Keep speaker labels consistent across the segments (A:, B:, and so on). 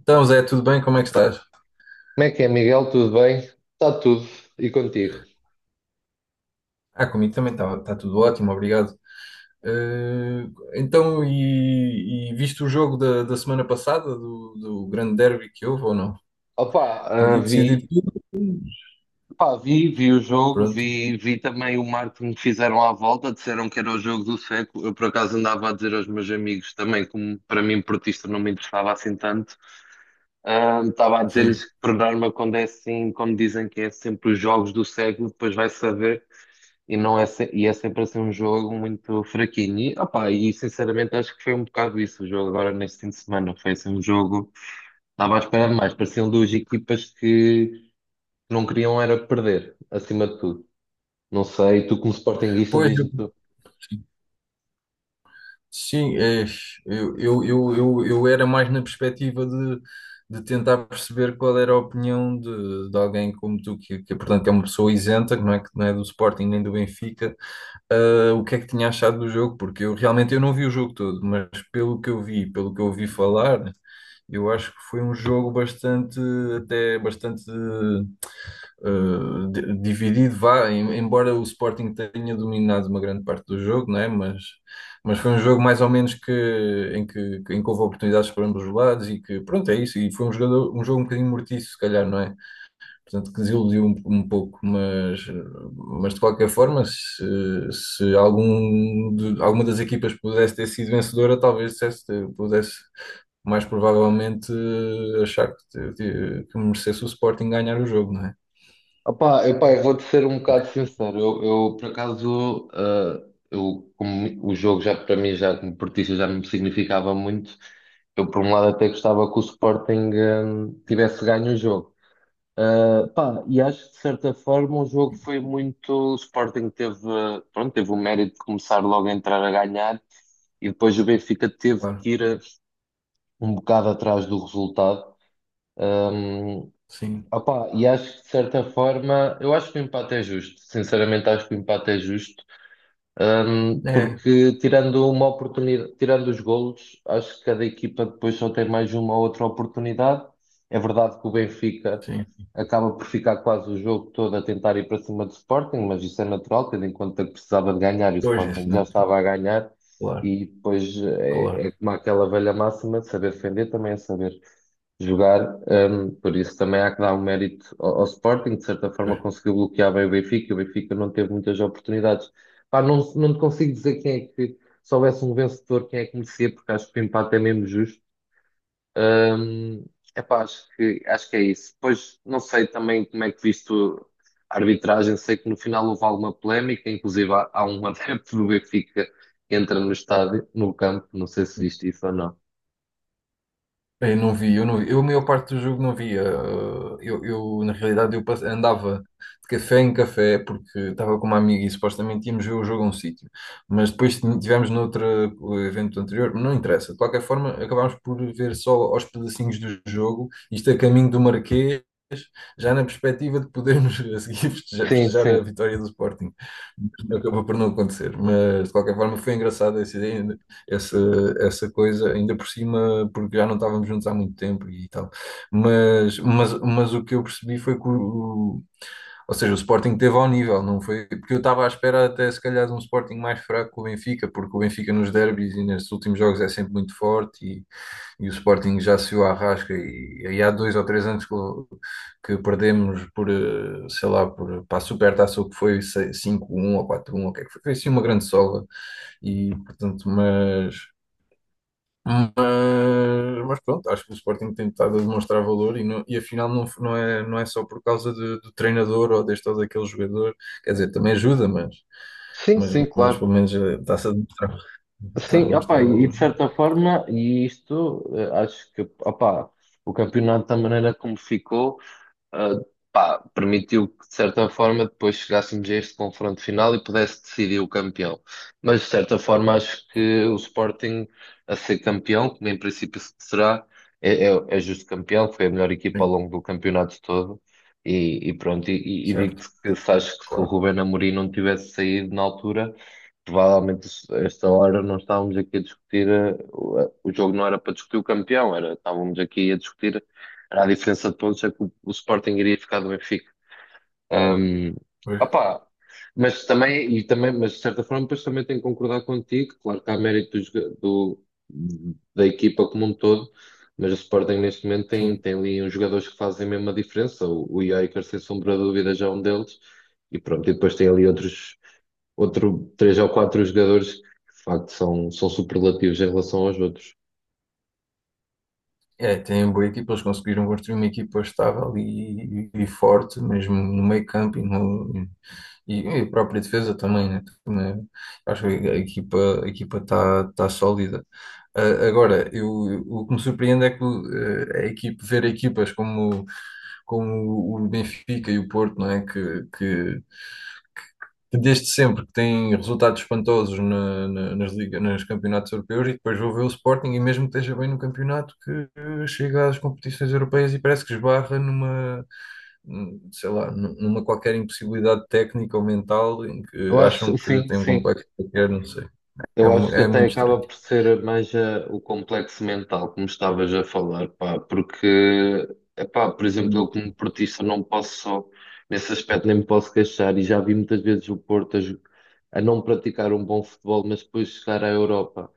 A: Então, Zé, tudo bem? Como é que estás?
B: Como é que é, Miguel? Tudo bem? Está tudo. E contigo?
A: Ah, comigo também está tá tá tudo ótimo, obrigado. Eh, então, e viste o jogo da semana passada, do grande derby que houve ou não?
B: Opa, ah,
A: Podia decidir
B: vi,
A: tudo.
B: pá, vi, vi o jogo,
A: Pronto,
B: vi, vi também o marketing que fizeram à volta. Disseram que era o jogo do século. Eu por acaso andava a dizer aos meus amigos também, como para mim portista não me interessava assim tanto. Estava a
A: sim.
B: dizer-lhes que por norma quando é assim, como dizem que é sempre os jogos do século, depois vai saber e não é, e é sempre assim um jogo muito fraquinho. E, opa, e sinceramente acho que foi um bocado isso o jogo agora neste fim de semana, foi assim um jogo. Estava a esperar mais, pareciam duas equipas que não queriam era perder, acima de tudo. Não sei, tu como sportinguista,
A: Pois, eu,
B: diz-me tu.
A: sim, sim, é, eu era mais na perspectiva de tentar perceber qual era a opinião de alguém como tu, que, portanto, é uma pessoa isenta, que não é do Sporting nem do Benfica, o que é que tinha achado do jogo, porque eu realmente eu não vi o jogo todo, mas pelo que eu vi, pelo que eu ouvi falar, eu acho que foi um jogo bastante, até bastante dividido, vá, embora o Sporting tenha dominado uma grande parte do jogo, não é? Mas foi um jogo mais ou menos em que, em que houve oportunidades para ambos os lados e que, pronto, é isso, e foi um jogo um bocadinho mortiço, se calhar, não é? Portanto, que desiludiu um pouco, mas de qualquer forma, se alguma das equipas pudesse ter sido vencedora, talvez pudesse mais provavelmente achar que merecesse o Sporting ganhar o jogo, não é?
B: Opá, eu, pá, eu vou-te ser um
A: O que-
B: bocado
A: é
B: sincero, eu, por acaso, eu, como o jogo já para mim, já como portista, já não me significava muito, eu por um lado até gostava que o Sporting, tivesse ganho o jogo. Pá, e acho que de certa forma o jogo foi muito. O Sporting teve, pronto, teve o mérito de começar logo a entrar a ganhar, e depois o Benfica teve
A: claro.
B: que ir um bocado atrás do resultado. Um,
A: Sim,
B: opá, e acho que de certa forma, eu acho que o empate é justo. Sinceramente, acho que o empate é justo.
A: é,
B: Porque tirando uma oportunidade, tirando os golos, acho que cada equipa depois só tem mais uma ou outra oportunidade. É verdade que o Benfica
A: sim.
B: acaba por ficar quase o jogo todo a tentar ir para cima do Sporting, mas isso é natural, tendo em conta que precisava de ganhar e o
A: Pois, é,
B: Sporting
A: sim,
B: já estava a ganhar.
A: claro,
B: E depois é, é
A: claro.
B: como aquela velha máxima de saber defender também é saber jogar. Por isso também há que dar um mérito ao, ao Sporting, de certa forma
A: Pois.
B: conseguiu bloquear bem o Benfica. O Benfica não teve muitas oportunidades. Pá, não, não te consigo dizer quem é que, se houvesse um vencedor, quem é que merecia, porque acho que o empate é mesmo justo. Hum, epá, acho que é isso. Depois, não sei também como é que viste a arbitragem, sei que no final houve alguma polémica, inclusive há, há um adepto do Benfica que entra no estádio, no campo, não sei se viste isso ou não.
A: Eu não vi, eu não vi. Eu, a maior parte do jogo não via. Eu na realidade, andava de café em café porque estava com uma amiga e supostamente íamos ver o jogo a um sítio. Mas depois tivemos noutro evento anterior, não interessa. De qualquer forma, acabámos por ver só aos pedacinhos do jogo, isto a caminho do Marquês, já na perspectiva de podermos a seguir festejar,
B: Sim,
A: festejar a
B: sim.
A: vitória do Sporting. Acabou por não acontecer. Mas de qualquer forma, foi engraçado essa, essa coisa, ainda por cima, porque já não estávamos juntos há muito tempo e tal. Mas o que eu percebi foi que o, ou seja, o Sporting teve ao nível, não foi? Porque eu estava à espera até se calhar de um Sporting mais fraco que o Benfica, porque o Benfica nos derbys e nestes últimos jogos é sempre muito forte e o Sporting já se o arrasca e há dois ou três anos que, que perdemos por, sei lá, por, para a Supertaça o que foi 5-1 ou quatro um 1, o que é que foi? Foi assim uma grande sova e portanto, mas, mas pronto, acho que o Sporting tem estado a demonstrar valor e, e afinal não é só por causa de- do treinador ou deste ou daquele jogador, quer dizer, também ajuda, mas,
B: Sim,
A: mas,
B: sim,
A: mas pelo
B: claro.
A: menos está-se a demonstrar, está a
B: Sim, opá,
A: demonstrar
B: e de
A: valor, não
B: certa forma, e isto, acho que, opá, o campeonato da maneira como ficou, ah, pá, permitiu que, de certa forma, depois chegássemos a este confronto final e pudesse decidir o campeão. Mas, de certa forma, acho
A: é?
B: que o Sporting a ser campeão, como em princípio se será, é, é, é justo campeão, foi a melhor equipa ao
A: Sim,
B: longo do campeonato todo. E pronto, e
A: certo,
B: digo-te que se acho que se o
A: claro,
B: Ruben Amorim não tivesse saído na altura, provavelmente a esta hora não estávamos aqui a discutir, o, o jogo não era para discutir o campeão, era, estávamos aqui a discutir era a diferença de pontos é que o Sporting iria ficar do Benfica. Hum,
A: pois,
B: opá, mas também, e também, mas de certa forma, depois também tenho que concordar contigo. Claro que há mérito do, da equipa como um todo, mas o Sporting neste momento tem,
A: sim.
B: tem ali uns jogadores que fazem mesmo a diferença. O Iker, sem sombra de dúvida, já é um deles. E pronto, e depois tem ali outros, outro, três ou quatro jogadores que de facto são, são superlativos em relação aos outros.
A: É, tem uma boa equipa, eles conseguiram construir uma equipa estável e, e forte, mesmo no meio campo e, no, e a própria defesa também, né? Também acho que a equipa está tá tá sólida. Ah, agora, o que me surpreende é que ver equipas como o Benfica e o Porto, não é? Que desde sempre que tem resultados espantosos nas ligas, nos campeonatos europeus, e depois vou ver o Sporting e mesmo que esteja bem no campeonato que chega às competições europeias e parece que esbarra sei lá, numa qualquer impossibilidade técnica ou mental em
B: Eu
A: que acham
B: acho,
A: que
B: sim,
A: tem um
B: sim.
A: complexo qualquer, não sei. É,
B: Eu
A: mu-
B: acho que
A: é
B: até
A: muito estranho.
B: acaba por ser mais o complexo mental, como estavas a falar, pá, porque, epá, por exemplo, eu
A: Sim,
B: como portista não posso, nesse aspecto nem me posso queixar, e já vi muitas vezes o Porto a, a não praticar um bom futebol, mas depois chegar à Europa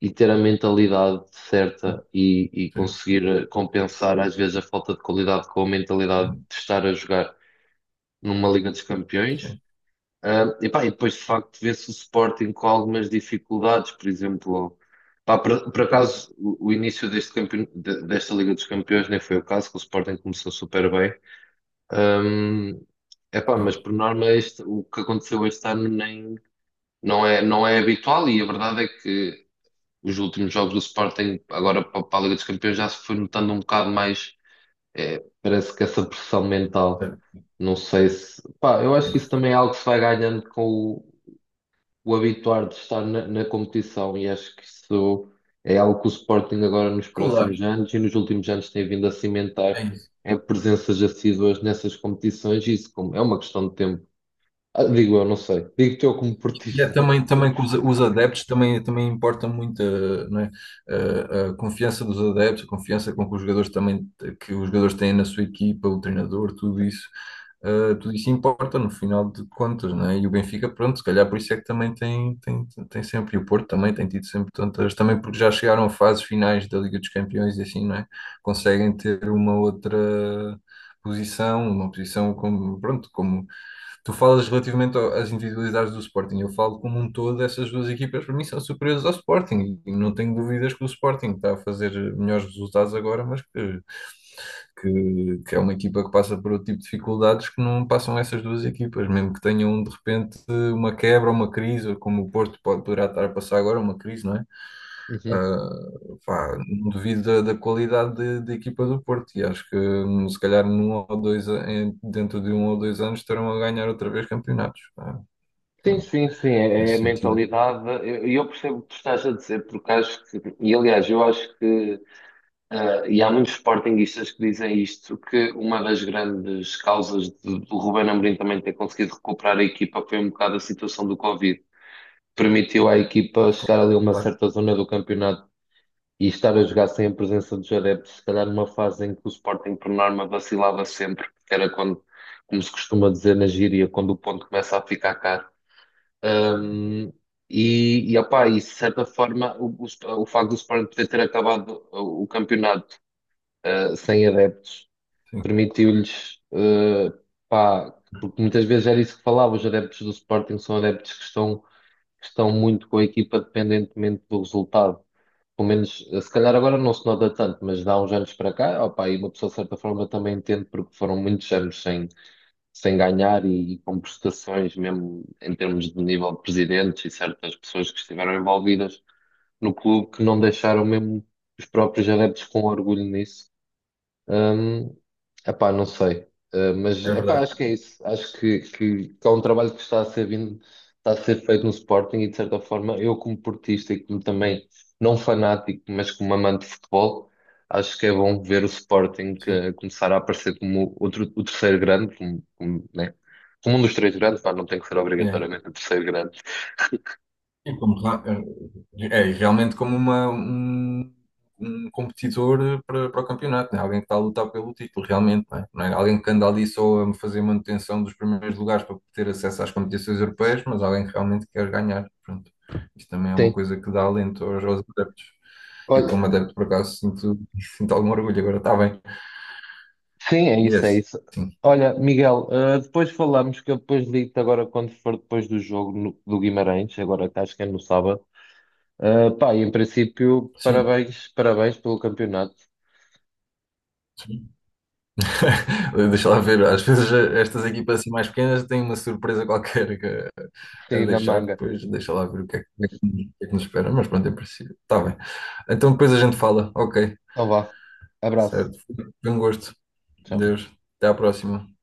B: e ter a mentalidade certa e
A: sim,
B: conseguir compensar às vezes a falta de qualidade com a mentalidade de estar a jogar numa Liga dos Campeões.
A: sim.
B: Ah, e, pá, e depois, de facto, vê-se o Sporting com algumas dificuldades, por exemplo, pá, por acaso, o início desta Liga dos Campeões nem foi o caso, que o Sporting começou super bem. Ah, epá,
A: Sim.
B: mas por norma, o que aconteceu este ano nem, não é, não é habitual, e a verdade é que os últimos jogos do Sporting, agora para, para a Liga dos Campeões, já se foi notando um bocado mais, parece que essa pressão mental. Não sei se. Pá, eu acho que isso também é algo que se vai ganhando com o o habituar de estar na, na competição e acho que isso é algo que o Sporting agora nos
A: Claro,
B: próximos anos e nos últimos anos tem vindo a
A: é
B: cimentar
A: isso.
B: é presenças assíduas nessas competições e isso como é uma questão de tempo. Ah, digo eu, não sei. Digo-te eu como
A: E é
B: portista.
A: também, também que os adeptos também, também importa muito não é? A confiança dos adeptos, a confiança com que os jogadores têm na sua equipa, o treinador, tudo isso, tudo isso importa no final de contas, não é? E o Benfica, pronto, se calhar por isso é que também tem, tem sempre, e o Porto também tem tido sempre tantas, também porque já chegaram a fases finais da Liga dos Campeões e assim, não é? Conseguem ter uma outra posição, uma posição como, pronto, como tu falas relativamente às individualidades do Sporting. Eu falo como um todo, essas duas equipas para mim são superiores ao Sporting, e não tenho dúvidas que o Sporting está a fazer melhores resultados agora, mas que é uma equipa que passa por outro tipo de dificuldades que não passam essas duas equipas, mesmo que tenham de repente uma quebra, uma crise, ou como o Porto pode, poderá estar a passar agora, uma crise, não é?
B: Uhum.
A: Pá, não duvido da qualidade da equipa do Porto e acho que se calhar num ou dois, a- em- dentro de um ou dois anos estarão a ganhar outra vez campeonatos, pá.
B: Sim,
A: Pronto,
B: sim, sim, é, é
A: nesse
B: a
A: sentido.
B: mentalidade. E eu percebo o que tu estás a dizer, porque acho que, e aliás, eu acho que e há muitos sportinguistas que dizem isto, que uma das grandes causas do Ruben Amorim também ter conseguido recuperar a equipa foi um bocado a situação do Covid. Permitiu à equipa chegar ali a uma
A: Claro,
B: certa zona do campeonato e estar a jogar sem a presença dos adeptos, se calhar numa fase em que o Sporting, por norma, vacilava sempre, que era quando, como se costuma dizer na gíria, quando o ponto começa a ficar caro. Um, e, opá, e de certa forma, o facto do Sporting poder ter acabado o campeonato sem adeptos,
A: sim,
B: permitiu-lhes, pá, porque muitas vezes era isso que falava, os adeptos do Sporting são adeptos que estão muito com a equipa dependentemente do resultado. Pelo menos, se calhar agora não se nota tanto, mas dá uns anos para cá, opá, e uma pessoa de certa forma também entende, porque foram muitos anos sem, sem ganhar e, com prestações, mesmo em termos de nível de presidentes e certas pessoas que estiveram envolvidas no clube, que não deixaram mesmo os próprios adeptos com orgulho nisso. Hum, epá, não sei. Mas
A: é
B: epá,
A: verdade.
B: acho que é isso. Acho que há um trabalho que está a ser vindo, está a ser feito no Sporting e de certa forma eu como portista e como também não fanático, mas como amante de futebol, acho que é bom ver o Sporting
A: Sim,
B: começar a aparecer como outro, o terceiro grande, como, como, né? Como um dos três grandes, pá, não tem que ser
A: é.
B: obrigatoriamente o terceiro grande.
A: E é realmente como um competidor para, para o campeonato, né? Alguém que está a lutar pelo título, realmente, né? Não é alguém que anda ali só a fazer manutenção dos primeiros lugares para ter acesso às competições europeias, mas alguém que realmente quer ganhar. Pronto. Isto também é uma
B: Sim.
A: coisa que dá alento aos, aos adeptos. E eu,
B: Olha,
A: como adepto, por acaso, sinto, sinto algum orgulho. Agora está bem.
B: sim, é
A: E é
B: isso, é
A: assim.
B: isso. Olha, Miguel, ah, depois falamos que eu depois ligo-te agora quando for depois do jogo do Guimarães, agora que acho que é no sábado. Ah, pá, e em princípio,
A: Sim.
B: parabéns, parabéns pelo campeonato.
A: Deixa lá ver, às vezes estas equipas assim mais pequenas têm uma surpresa qualquer a
B: Sim, na
A: deixar,
B: manga.
A: depois deixa lá ver o que é que, o que é que nos o que é que nos espera, mas pronto, é preciso. Está bem. Então depois a gente fala, ok,
B: Então vá. Abraço.
A: certo. Foi um gosto.
B: Tchau.
A: Deus, até à próxima.